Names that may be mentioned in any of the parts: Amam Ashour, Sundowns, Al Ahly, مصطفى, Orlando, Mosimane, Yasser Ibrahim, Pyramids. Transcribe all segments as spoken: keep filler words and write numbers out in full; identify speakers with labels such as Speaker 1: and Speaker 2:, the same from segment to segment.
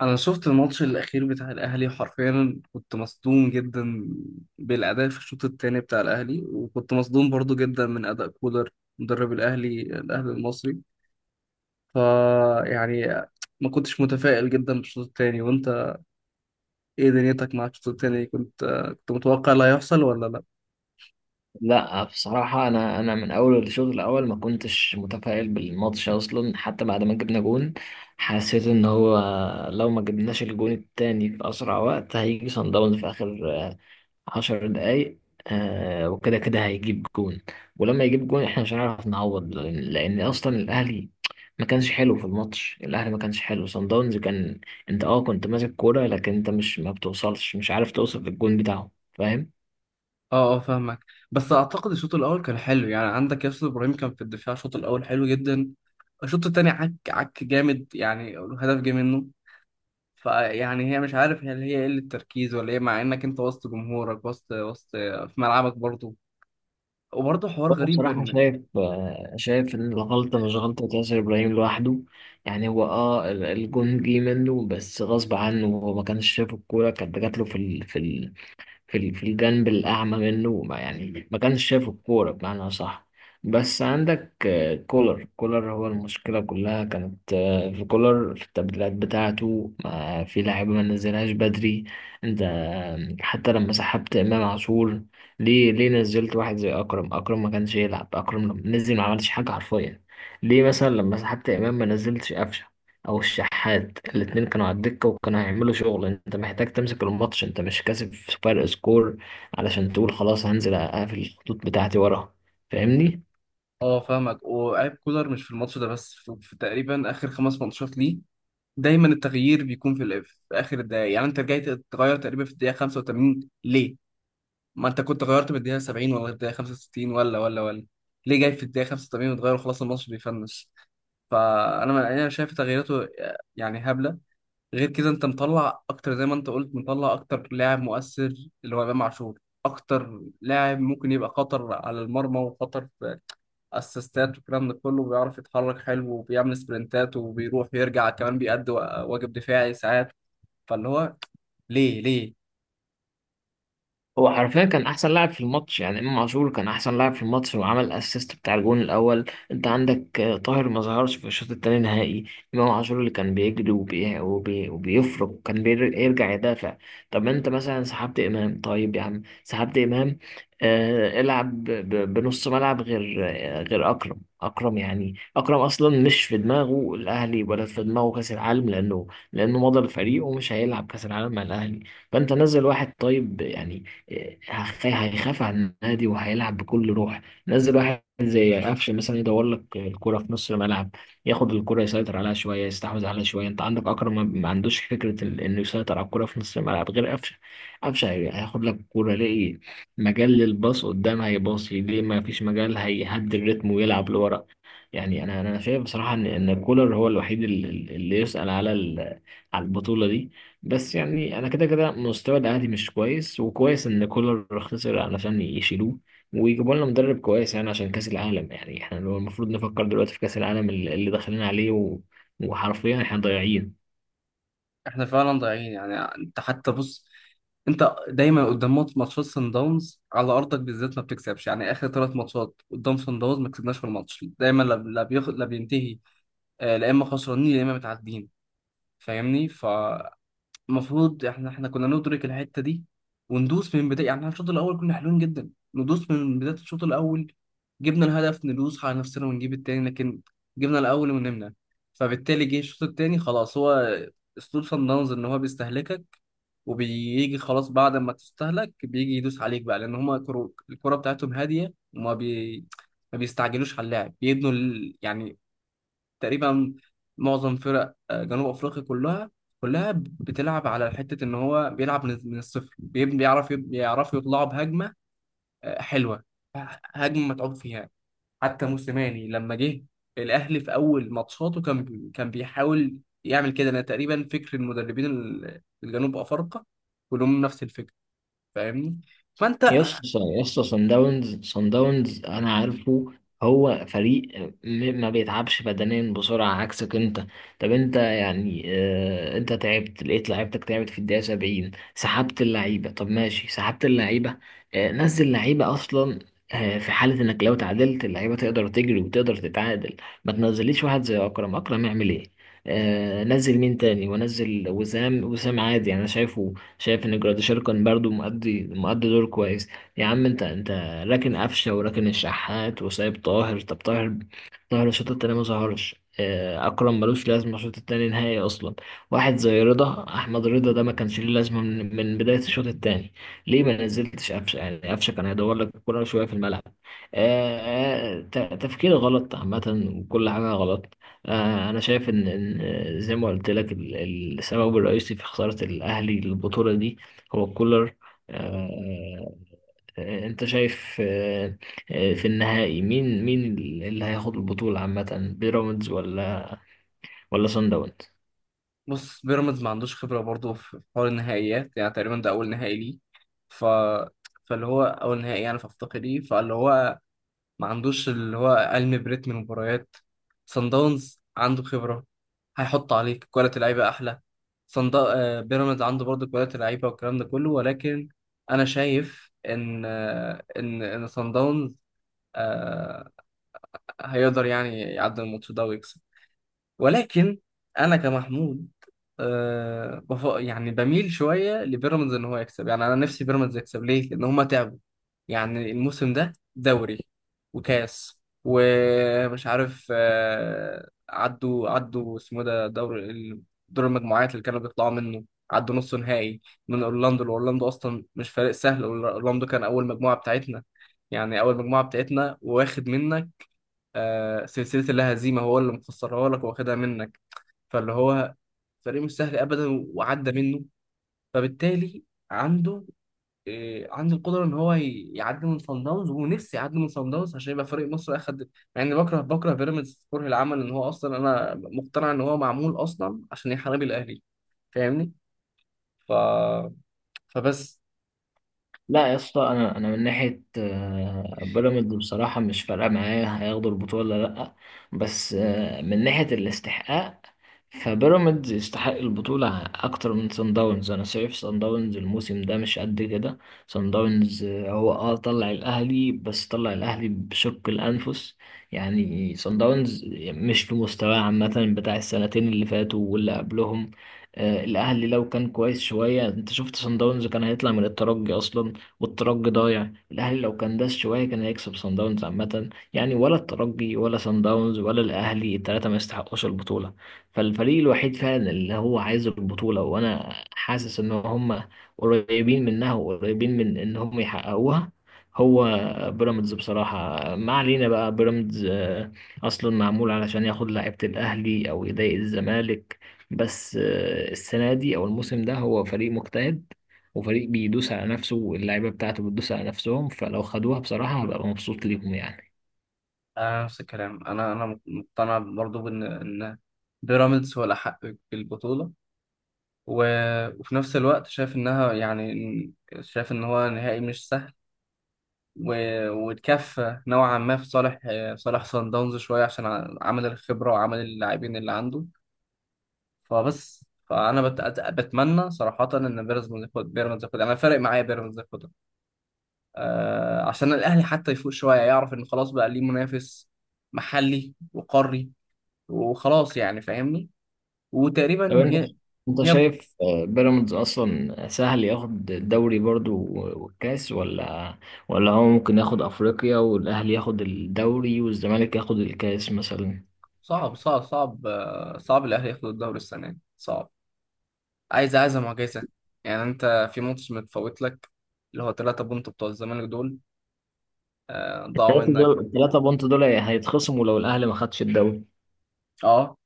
Speaker 1: انا شفت الماتش الاخير بتاع الاهلي حرفيا كنت مصدوم جدا بالاداء في الشوط الثاني بتاع الاهلي وكنت مصدوم برضو جدا من اداء كولر مدرب الاهلي الاهلي المصري. ف يعني ما كنتش متفائل جدا بالشوط الثاني. وانت ايه دنيتك مع الشوط الثاني؟ كنت كنت متوقع اللي هيحصل ولا لا؟
Speaker 2: لا، بصراحة أنا أنا من أول الشوط الأول ما كنتش متفائل بالماتش أصلا. حتى بعد ما جبنا جون حسيت إن هو لو ما جبناش الجون التاني في أسرع وقت هيجي صن داونز في آخر آه، عشر دقايق آه، وكده كده هيجيب جون. ولما يجيب جون إحنا مش هنعرف نعوض، لأن لأن أصلا الأهلي ما كانش حلو في الماتش. الأهلي ما كانش حلو، صن داونز كان أنت أه كنت ماسك كورة، لكن أنت مش ما بتوصلش، مش عارف توصل للجون بتاعه، فاهم؟
Speaker 1: اه، اه، فاهمك. بس اعتقد الشوط الاول كان حلو، يعني عندك ياسر ابراهيم كان في الدفاع، الشوط الاول حلو جدا. الشوط الثاني عك عك جامد، يعني هدف جه منه. فيعني هي مش عارف، هل هي قلة تركيز ولا ايه، مع انك انت وسط جمهورك، وسط وسط في ملعبك برضه، وبرضه حوار
Speaker 2: وانا
Speaker 1: غريب
Speaker 2: بصراحة
Speaker 1: ان
Speaker 2: شايف آه، شايف ان الغلطة مش غلطة ياسر ابراهيم لوحده. يعني هو اه ال- الجون جه منه بس غصب عنه، هو ما كانش شايف الكورة، كانت جات له في ال... في ال... في ال- في الجنب الأعمى منه، ما يعني ما كانش شايف الكورة بمعنى صح. بس عندك آه، كولر كولر هو المشكلة، كلها كانت آه، في كولر، في التبديلات بتاعته، ما في لعيبة ما نزلهاش بدري. انت آه، حتى لما سحبت إمام عاشور، ليه ليه نزلت واحد زي أكرم؟ أكرم ما كانش يلعب، أكرم لما نزل ما عملش حاجة حرفيا. ليه مثلا لما سحبت إمام ما نزلتش قفشه او الشحات؟ الاتنين كانوا على الدكة وكانوا هيعملوا شغل. انت محتاج تمسك الماتش، انت مش كاسب فرق سكور علشان تقول خلاص هنزل اقفل الخطوط بتاعتي ورا. فاهمني؟
Speaker 1: اه فاهمك. وعيب كولر مش في الماتش ده بس، في, في تقريبا اخر خمس ماتشات ليه دايما التغيير بيكون في, الإف... في اخر الدقايق؟ يعني انت رجعت تغير تقريبا في الدقيقة خمسة وتمانين، ليه؟ ما انت كنت غيرت من الدقيقة سبعين ولا الدقيقة خمسة وستين، ولا ولا ولا ليه جاي في الدقيقة خمسة وتمانين وتغير وخلاص الماتش بيفنش؟ فانا انا شايف تغييراته يعني هبلة. غير كده انت مطلع اكتر، زي ما انت قلت، مطلع اكتر لاعب مؤثر، اللي هو امام عاشور، اكتر لاعب ممكن يبقى خطر على المرمى، وخطر في اسيستات والكلام ده كله، وبيعرف يتحرك حلو وبيعمل سبرنتات وبيروح ويرجع، كمان بيأدي واجب دفاعي ساعات. فاللي هو ليه ليه؟
Speaker 2: هو حرفيا كان احسن لاعب في الماتش، يعني امام عاشور كان احسن لاعب في الماتش وعمل الاسيست بتاع الجون الاول. انت عندك آه، طاهر ما ظهرش في الشوط التاني نهائي، امام عاشور اللي كان بيجري وبي... وبي... وبيفرق وكان بيرجع يدافع. طب انت مثلا سحبت امام، طيب يا عم سحبت امام، آه... العب ب... ب- بنص ملعب غير آه، غير اكرم. اكرم يعني اكرم اصلا مش في دماغه الاهلي ولا في دماغه كاس العالم، لانه لانه مضى لفريقه ومش هيلعب كاس العالم مع الاهلي. فانت نزل واحد طيب يعني هخ- هيخاف على النادي وهيلعب بكل روح. نزل واحد زي قفشه مثلا يدور لك الكرة في نص الملعب، ياخد الكرة يسيطر عليها شوية، يستحوذ عليها شوية. انت عندك اكرم ما ما عندوش فكرة ال- انه يسيطر على الكرة في نص الملعب غير قفشه. قفشه هي- هياخد لك الكرة، يلاقي مجال للباص قدام هيباصي، ليه ما فيش مجال هيهدي الريتم ويلعب لورا. يعني انا انا شايف بصراحة ان ان كولر هو الوحيد ال- ال- اللي يسأل على ال- على البطولة دي. بس يعني انا كده كده مستوى الاهلي مش كويس، وكويس ان كولر خسر علشان يشيلوه ويجيبوا لنا مدرب كويس، يعني عشان كاس العالم. يعني احنا لو المفروض نفكر دلوقتي في كاس العالم اللي اللي داخلين عليه و... وحرفيا احنا ضايعين.
Speaker 1: احنا فعلا ضايعين. يعني انت حتى بص، انت دايما قدام مات- ماتشات سان داونز على ارضك بالذات ما بتكسبش. يعني اخر ثلاث ماتشات قدام سان داونز ما كسبناش في الماتش، دايما لا لا بيخ... لا بينتهي، آه، لا اما خسرانين يا اما متعادلين. فاهمني؟ فالمفروض احنا احنا كنا ندرك الحته دي وندوس من بدايه، يعني احنا الشوط الاول كنا حلوين جدا، ندوس من بدايه الشوط الاول، جبنا الهدف ندوس على نفسنا ونجيب التاني، لكن جبنا الاول ونمنا. فبالتالي جه الشوط التاني خلاص. هو اسلوب صن داونز ان هو بيستهلكك، وبيجي خلاص بعد ما تستهلك بيجي يدوس عليك بقى، لان هما كرو... الكرة بتاعتهم هادية، وما بي... ما بيستعجلوش على اللاعب، بيبنوا ال... يعني تقريبا معظم فرق آه، جنوب افريقيا كلها، كلها بتلعب على حته ان هو بيلعب من من الصفر، بيب- بيعرف بيعرفوا يطلعوا بهجمه آه، حلوه، هجمه متعوب فيها. حتى موسيماني لما جه الاهلي في اول ماتشاته كان بي- كان بيحاول يعمل كده. انا تقريبا فكر المدربين ال- الجنوب افارقه كلهم نفس الفكره، فاهمني؟ فانت
Speaker 2: يا اسطى يا اسطى صن داونز صن داونز انا عارفه، هو فريق م- ما بيتعبش بدنيا بسرعه عكسك انت. طب انت يعني اه انت تعبت، لقيت لعيبتك تعبت في الدقيقه سبعين، سحبت اللعيبه، طب ماشي سحبت اللعيبه، اه نزل لعيبه اصلا اه في حاله انك لو تعادلت اللعيبه تقدر تجري وتقدر تتعادل. ما تنزليش واحد زي اكرم، اكرم يعمل ايه؟ اه نزل مين تاني؟ ونزل وسام، وسام عادي انا شايفه، شايف ان جراديشار كان برضو مؤدي مؤدي دور كويس. يا عم انت انت راكن قفشه وراكن الشحات وسايب طاهر. طب طاهر، طاهر الشوط التاني ما ظهرش. آه، اكرم ملوش لازمه الشوط التاني نهائي اصلا. واحد زي رضا، احمد رضا ده ما كانش ليه لازمه من, من بدايه الشوط التاني. ليه ما نزلتش قفشه؟ يعني قفشه كان هيدور لك كل شويه في الملعب. آه، آه، ت- تفكير غلط عامه وكل حاجه غلط. آه، أنا شايف إن إن آه، زي ما قلت لك ال- ال- السبب الرئيسي في خسارة الأهلي للبطولة دي هو كولر. آه، آه، أنت شايف آه، آه، في النهائي مين مين اللي هياخد البطولة عامة، بيراميدز ولا ولا صن داونز؟
Speaker 1: بص، بيراميدز ما عندوش خبرة برضه في حوار النهائيات، يعني تقريبا ده أول نهائي ليه. ف... فاللي هو أول نهائي يعني في أفريقيا ليه، فاللي هو ما عندوش اللي هو علم بريتم المباريات. صن داونز عنده خبرة، هيحط عليك كواليتي لعيبة أحلى. صن دا... آه، بيراميدز عنده برضه كواليتي لعيبة والكلام ده كله، ولكن أنا شايف إن آه، إن إن صن داونز آه، هيقدر يعني يعدي الماتش ده ويكسب. ولكن انا كمحمود أه بف... يعني بميل شويه لبيراميدز ان هو يكسب. يعني انا نفسي بيراميدز يكسب، ليه؟ لان هما تعبوا، يعني الموسم ده دوري وكاس ومش عارف أه عدوا عدوا اسمه ده دور ال- دور المجموعات اللي كانوا بيطلعوا منه، عدوا نص نهائي من اورلاندو. اورلاندو اصلا مش فريق سهل، اورلاندو كان اول مجموعه بتاعتنا، يعني اول مجموعه بتاعتنا واخد منك أه سلسله اللا هزيمه، هو اللي مخسرها لك واخدها منك. فاللي هو فريق مش سهل ابدا، وعدى منه. فبالتالي عنده إيه، عنده القدره ان هو ي- يعدي من صن داونز، ونفسي يعدي من صن داونز عشان يبقى فريق مصر اخد، مع اني بكره، بكره بيراميدز كره العمل ان هو اصلا، انا مقتنع ان هو معمول اصلا عشان يحارب الاهلي، فاهمني؟ ف... فبس
Speaker 2: لا يا اسطى، انا انا من ناحيه آه، بيراميدز بصراحه مش فارقه معايا هياخدوا البطوله ولا لا. بس آه، من ناحيه الاستحقاق، فبيراميدز يستحق البطوله اكتر من سان داونز. انا شايف سان داونز الموسم ده مش قد كده. سان داونز آه، هو اه طلع الاهلي بس طلع الاهلي بشق الانفس. يعني سان داونز مش في مستواه عامه بتاع السنتين اللي فاتوا واللي قبلهم. آه، الاهلي لو كان كويس شويه انت شفت سان داونز كان هيطلع من الترجي اصلا، والترجي ضايع. الاهلي لو كان داس شويه كان هيكسب صن داونز. عامه يعني ولا الترجي ولا صن داونز ولا الاهلي الثلاثه ما يستحقوش البطوله. فالفريق الوحيد فعلا اللي هو عايز البطوله وانا حاسس ان هم قريبين منها وقريبين من ان هم يحققوها، هو بيراميدز بصراحه. ما علينا بقى، بيراميدز آه، اصلا معمول علشان ياخد لعيبه الاهلي او يضايق الزمالك، بس آه، السنه دي او الموسم ده هو فريق مجتهد وفريق بيدوس على نفسه واللعيبه بتاعته بتدوس على نفسهم، فلو خدوها بصراحه هبقى مبسوط ليهم يعني.
Speaker 1: انا نفس الكلام، انا انا مقتنع برضو بان ان بيراميدز هو الاحق بالبطوله. و... وفي نفس الوقت شايف انها يعني إن- شايف ان هو نهائي مش سهل، و- واتكفى نوعا ما في صالح آه، صالح صن داونز شويه، عشان ع- عمل الخبره وعمل اللاعبين اللي عنده. فبس فانا بت... أت- بتمنى صراحه ان بيراميدز ياخد، بيراميدز ياخد، انا فارق معايا بيراميدز ياخدها، آه، عشان الاهلي حتى يفوق شويه يعرف ان خلاص بقى ليه منافس محلي وقاري، وخلاص يعني فاهمني؟
Speaker 2: طب
Speaker 1: وتقريبا
Speaker 2: انت
Speaker 1: هي
Speaker 2: انت
Speaker 1: هي
Speaker 2: شايف آه، بيراميدز اصلا سهل ياخد الدوري برضو والكاس، ولا ولا هو ممكن ياخد افريقيا والاهلي ياخد الدوري والزمالك ياخد الكاس مثلا؟
Speaker 1: صعب، صعب، صعب، آه، صعب الاهلي ياخد الدوري السنه دي. صعب، عايز، عايزة معجزة. يعني انت في ماتش متفوت لك اللي هو ثلاثة بونت بتوع الزمالك دول، آه، ضاعوا
Speaker 2: الثلاثه
Speaker 1: منك.
Speaker 2: دول، الثلاثه بونت دول هيتخصموا لو الاهلي ما خدش الدوري.
Speaker 1: اه،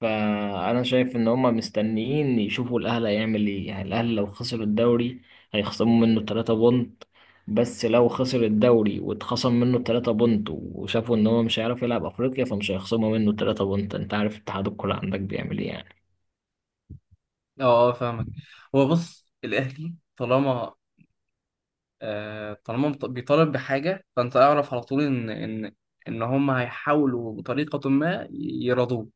Speaker 2: فانا شايف ان هما مستنيين يشوفوا الاهلي هيعمل ايه. يعني الاهلي لو خسر الدوري هيخصموا منه تلاتة بونت، بس لو خسر الدوري واتخصم منه تلاتة بونت وشافوا ان هو مش هيعرف يلعب افريقيا فمش هيخصموا منه تلاتة بونت. انت عارف اتحاد الكوره عندك بيعمل ايه يعني.
Speaker 1: اه، فاهمك. هو بص، الاهلي طالما آه طالما بت- بيطالب بحاجة، فانت اعرف على طول ان ان ان هم هيحاولوا بطريقة ما يرضوه.